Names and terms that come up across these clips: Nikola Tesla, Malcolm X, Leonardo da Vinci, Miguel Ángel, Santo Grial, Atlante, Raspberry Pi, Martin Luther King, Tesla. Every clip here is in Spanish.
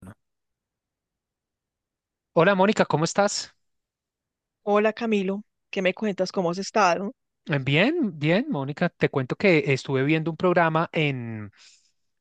Bueno, hola Mónica, ¿cómo estás? Hola Camilo, ¿qué me cuentas? ¿Cómo has estado? Bien, bien, Mónica. Te cuento que estuve viendo un programa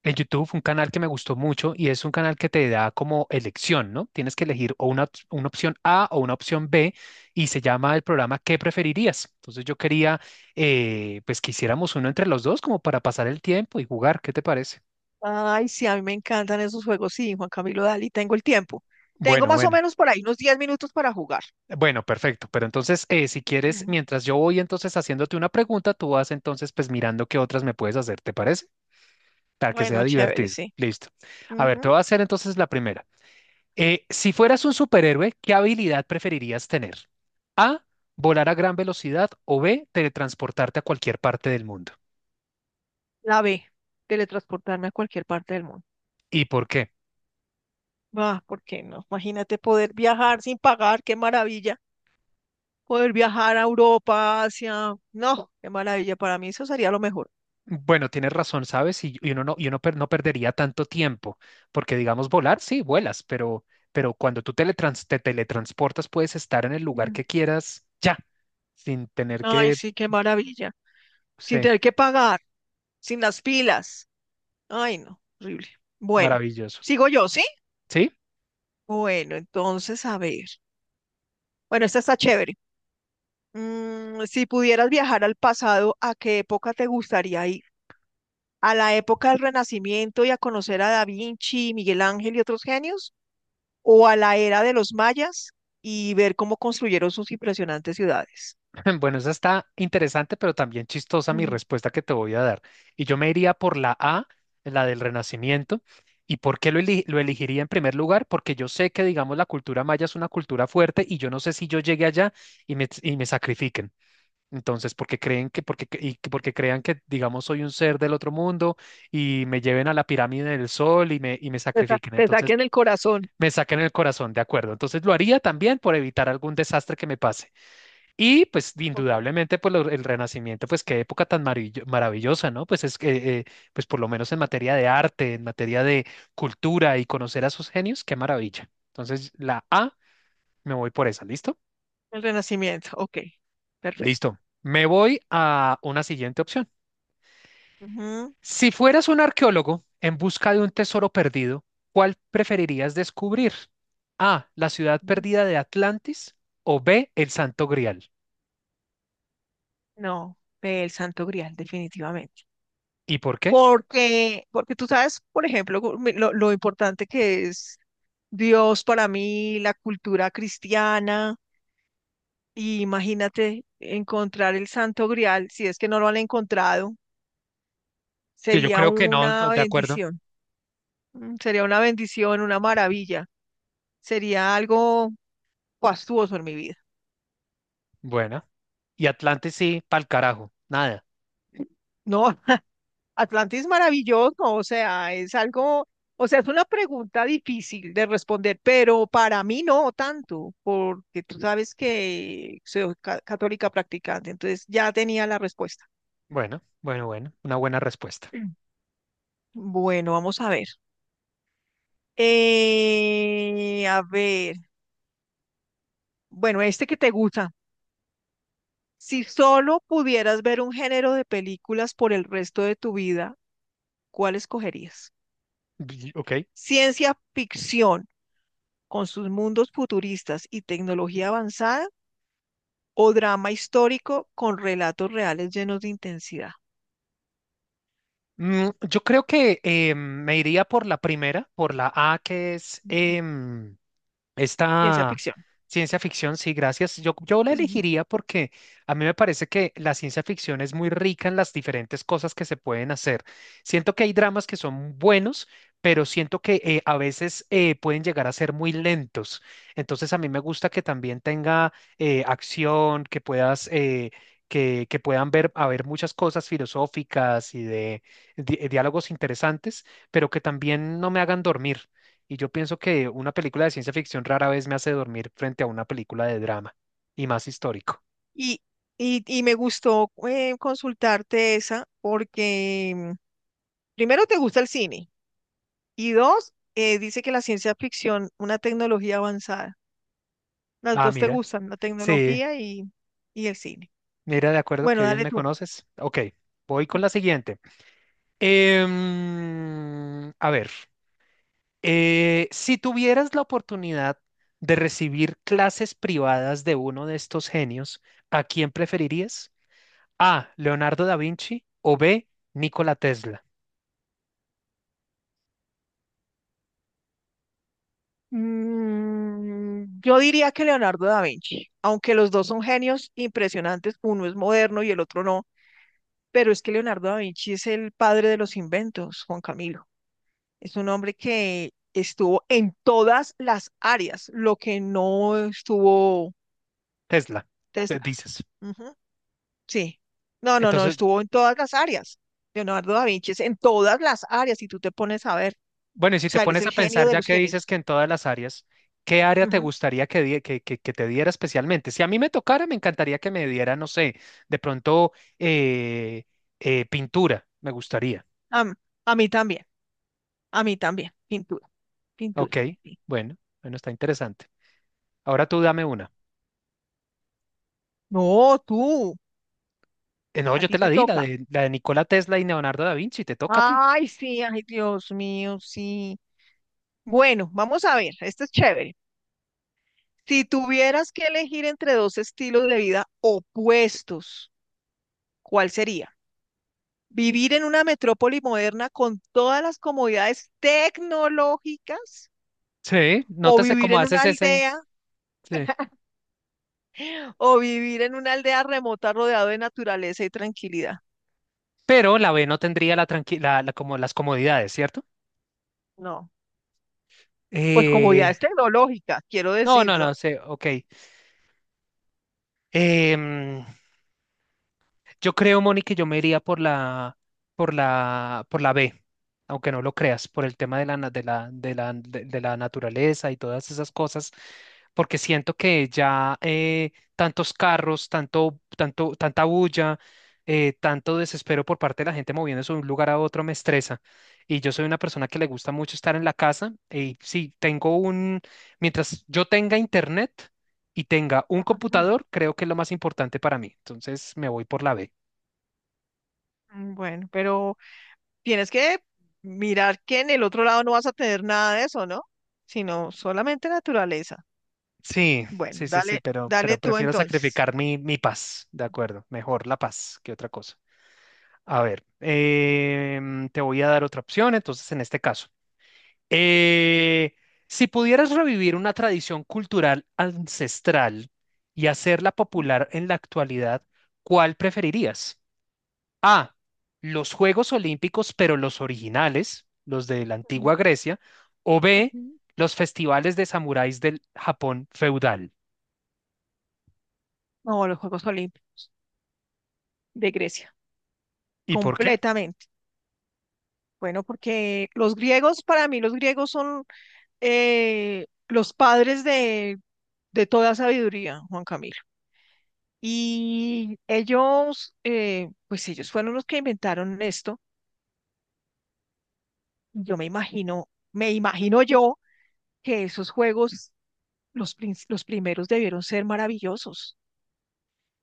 en YouTube, un canal que me gustó mucho y es un canal que te da como elección, ¿no? Tienes que elegir una opción A o una opción B y se llama el programa ¿Qué preferirías? Entonces yo quería pues que hiciéramos uno entre los dos como para pasar el tiempo y jugar, ¿qué te parece? Ay, sí, a mí me encantan esos juegos. Sí, Juan Camilo, Dali, tengo el tiempo. Tengo Bueno, más o bueno. menos por ahí unos 10 minutos para jugar. Bueno, perfecto. Pero entonces, si quieres, Ujú. mientras yo voy entonces haciéndote una pregunta, tú vas entonces pues mirando qué otras me puedes hacer, ¿te parece? Para que sea Bueno, chévere, divertido. sí. Listo. A ver, te voy Ujú. a hacer entonces la primera. Si fueras un superhéroe, ¿qué habilidad preferirías tener? A, volar a gran velocidad o B, teletransportarte a cualquier parte del mundo. La B, teletransportarme a cualquier parte del mundo. ¿Y por qué? Ah, ¿por qué no? Imagínate poder viajar sin pagar, qué maravilla. Poder viajar a Europa, Asia. No, qué maravilla. Para mí eso sería lo mejor. Bueno, tienes razón, ¿sabes? Y uno no perdería tanto tiempo, porque digamos volar, sí, vuelas, pero cuando te teletransportas puedes estar en el lugar que Ujú. quieras ya, sin tener Ay, que, sí, qué maravilla. Sin sí, tener que pagar, sin las pilas. Ay, no, horrible. Bueno, maravilloso. sigo yo, ¿sí? ¿Sí? Bueno, entonces, a ver. Bueno, esta está chévere. Si pudieras viajar al pasado, ¿a qué época te gustaría ir? ¿A la época del Renacimiento y a conocer a Da Vinci, Miguel Ángel y otros genios? ¿O a la era de los mayas y ver cómo construyeron sus impresionantes ciudades? Bueno, esa está interesante, pero también chistosa mi Mm. respuesta que te voy a dar. Y yo me iría por la A, la del Renacimiento. ¿Y por qué lo elegiría en primer lugar? Porque yo sé que, digamos, la cultura maya es una cultura fuerte y yo no sé si yo llegue allá y me sacrifiquen. Entonces, porque creen que, porque, cre- y que- porque crean que, digamos, soy un ser del otro mundo y me lleven a la pirámide del sol y me sacrifiquen. Te Entonces, saquen el corazón. me saquen el corazón, de acuerdo. Entonces, lo haría también por evitar algún desastre que me pase. Y pues Ok. indudablemente el Renacimiento, pues qué época tan maravillosa, ¿no? Pues es que, pues por lo menos en materia de arte, en materia de cultura y conocer a sus genios, qué maravilla. Entonces la A, me voy por esa, ¿listo? El Renacimiento, ok. Perfecto. Listo. Me voy a una siguiente opción. Ujú, Si fueras un arqueólogo en busca de un tesoro perdido, ¿cuál preferirías descubrir? A, la ciudad ujú. perdida de Atlantis o B, el Santo Grial. No, el Santo Grial, definitivamente. ¿Y por qué? Porque, porque tú sabes, por ejemplo, lo importante que es Dios para mí, la cultura cristiana, y imagínate encontrar el Santo Grial, si es que no lo han encontrado, Que yo sería creo que no, una no, de acuerdo. bendición. Sería una bendición, una maravilla, sería algo fastuoso en mi vida. Bueno. Y Atlantis sí, pa'l carajo, nada. No, Atlante es maravilloso, o sea, es algo, o sea, es una pregunta difícil de responder, pero para mí no tanto, porque tú sabes que soy católica practicante, entonces ya tenía la respuesta. Bueno, bueno, bueno, una buena respuesta. Mm. Bueno, vamos a ver. A ver, bueno, este que te gusta. Si solo pudieras ver un género de películas por el resto de tu vida, ¿cuál escogerías? Y- ok. Ciencia ficción, con sus mundos futuristas y tecnología avanzada, o drama histórico con relatos reales llenos de intensidad. Mm, yo creo que me iría por la primera, por la A, que es... Mm. eh, Ciencia Esta ficción. ciencia ficción, sí, gracias. Yo la Ujú. elegiría porque a mí me parece que la ciencia ficción es muy rica en las diferentes cosas que se pueden hacer. Siento que hay dramas que son buenos, pero siento que a veces pueden llegar a ser muy lentos. Entonces a mí me gusta que también tenga acción, que puedas... que puedan ver, haber muchas cosas filosóficas y de diálogos interesantes, pero que también no me hagan dormir. Y yo pienso que una película de ciencia ficción rara vez me hace dormir frente a una película de drama, y más histórico. Y, y me gustó consultarte esa porque primero te gusta el cine y dos, dice que la ciencia ficción, una tecnología avanzada. Las Ah, dos te mira, gustan, la sí, tecnología y el cine. mira, de acuerdo, qué Bueno, bien dale me tú. conoces. Ok, voy con la siguiente. A ver, si tuvieras la oportunidad de recibir clases privadas de uno de estos genios, ¿a quién preferirías? A, Leonardo da Vinci o B, Nikola Tesla. Mm, yo diría que Leonardo da Vinci, aunque los dos son genios impresionantes, uno es moderno y el otro no, pero es que Leonardo da Vinci es el padre de los inventos, Juan Camilo. Es un hombre que estuvo en todas las áreas, lo que no estuvo Tesla, Tesla. dices. Ujú. Sí. No, no, no, Entonces, estuvo en todas las áreas. Leonardo da Vinci es en todas las áreas, si tú te pones a ver. bueno, y si O te sea, él es pones el a genio pensar, de ya los que dices genios. que en todas las áreas, ¿qué área te Ujú. gustaría que te diera especialmente? Si a mí me tocara, me encantaría que me diera, no sé, de pronto eh, pintura, me gustaría. Am- a mí también, a mí también, sin duda. Ok, Pintura. Sí. bueno, bueno, está interesante. Ahora tú dame una. No, tú, No, a yo te ti la te di, toca. La de Nikola Tesla y Leonardo da Vinci, te toca a ti. Ay, sí, ay, Dios mío, sí. Bueno, vamos a ver, esto es chévere. Si tuvieras que elegir entre dos estilos de vida opuestos, ¿cuál sería? ¿Vivir en una metrópoli moderna con todas las comodidades tecnológicas? Sí, ¿O nótese vivir cómo en una haces ese. aldea? Sí. ¿O vivir en una aldea remota rodeado de naturaleza y tranquilidad? Pero la B no tendría la como las comodidades, ¿cierto? No, pues Eh, comodidades tecnológicas, quiero no, decir, no, ¿no? no, sé, ok. Em, Yo creo, Moni, que yo me iría por la B, aunque no lo creas, por el tema de la, na- de la, de la, de la naturaleza y todas esas cosas, porque siento que ya tantos carros, tanta bulla, tanto desespero por parte de la gente moviéndose de un lugar a otro me estresa. Y yo soy una persona que le gusta mucho estar en la casa y sí, mientras yo tenga internet y tenga un computador, creo que es lo más importante para mí. Entonces me voy por la B. Bueno, pero tienes que mirar que en el otro lado no vas a tener nada de eso, ¿no? Sino solamente naturaleza. Sí, Bueno, sí, sí, sí, dale, pero, dale pero tú prefiero entonces. sacrificar mi paz, de acuerdo, mejor la paz que otra cosa. A ver, te voy a dar otra opción, entonces en este caso. Eh, si pudieras revivir una tradición cultural ancestral y hacerla Ujú, popular en la actualidad, ¿cuál preferirías? A, los Juegos Olímpicos, pero los originales, los de la ujú, antigua Grecia, o B, ujú. los festivales de samuráis del Japón feudal. No, los Juegos Olímpicos de Grecia, ¿Y por qué? completamente. Bueno, porque los griegos, para mí los griegos son los padres de toda sabiduría, Juan Camilo. Y ellos, pues ellos fueron los que inventaron esto. Yo me imagino yo que esos juegos, los primeros debieron ser maravillosos.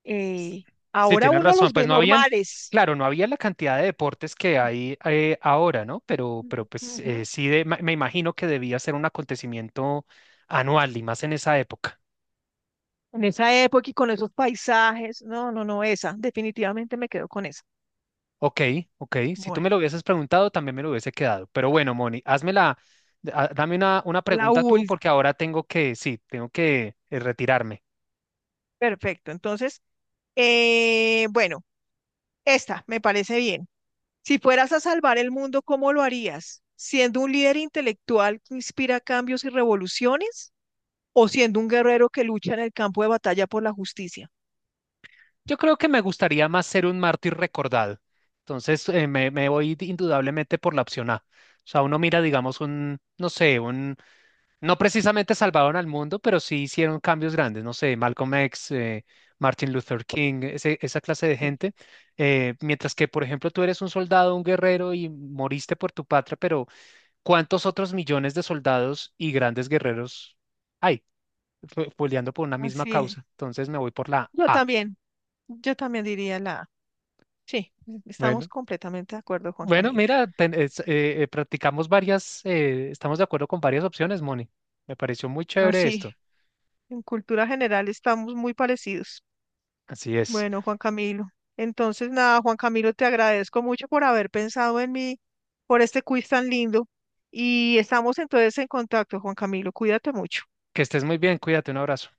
Eh, Sí, Ahora tienes uno razón. los Pues ve no habían, normales. claro, no había la cantidad de deportes que hay ahora, ¿no? Pero pues Ujú. Sí, me imagino que debía ser un acontecimiento anual y más en esa época. En esa época y con esos paisajes. No, no, no, esa. Definitivamente me quedo con esa. Ok, ok. Si tú Bueno, me lo hubieses preguntado, también me lo hubiese quedado. Pero bueno, Moni, dame una la pregunta tú, última. porque ahora tengo que, sí, tengo que retirarme. Perfecto. Entonces, bueno, esta me parece bien. Si fueras a salvar el mundo, ¿cómo lo harías? ¿Siendo un líder intelectual que inspira cambios y revoluciones, o siendo un guerrero que lucha en el campo de batalla por la justicia? Yo creo que me gustaría más ser un mártir recordado. Entonces, me voy indudablemente por la opción A. O sea, uno mira, digamos, un, no sé, un, no precisamente salvaron al mundo, pero sí hicieron cambios grandes, no sé, Malcolm X, Martin Luther King, esa clase de Sí. gente. Mientras que, por ejemplo, tú eres un soldado, un guerrero y moriste por tu patria, pero ¿cuántos otros millones de soldados y grandes guerreros hay peleando por una misma Así es. causa? Entonces, me voy por la Yo A. también, yo también diría la A. Sí, estamos Bueno. completamente de acuerdo, Juan Bueno, Camilo. mira, practicamos varias, estamos de acuerdo con varias opciones, Moni. Me pareció muy chévere Así, esto. en cultura general estamos muy parecidos. Así es. Bueno, Juan Camilo. Entonces, nada, Juan Camilo, te agradezco mucho por haber pensado en mí, por este quiz tan lindo. Y estamos entonces en contacto, Juan Camilo. Cuídate mucho. Que estés muy bien, cuídate, un abrazo.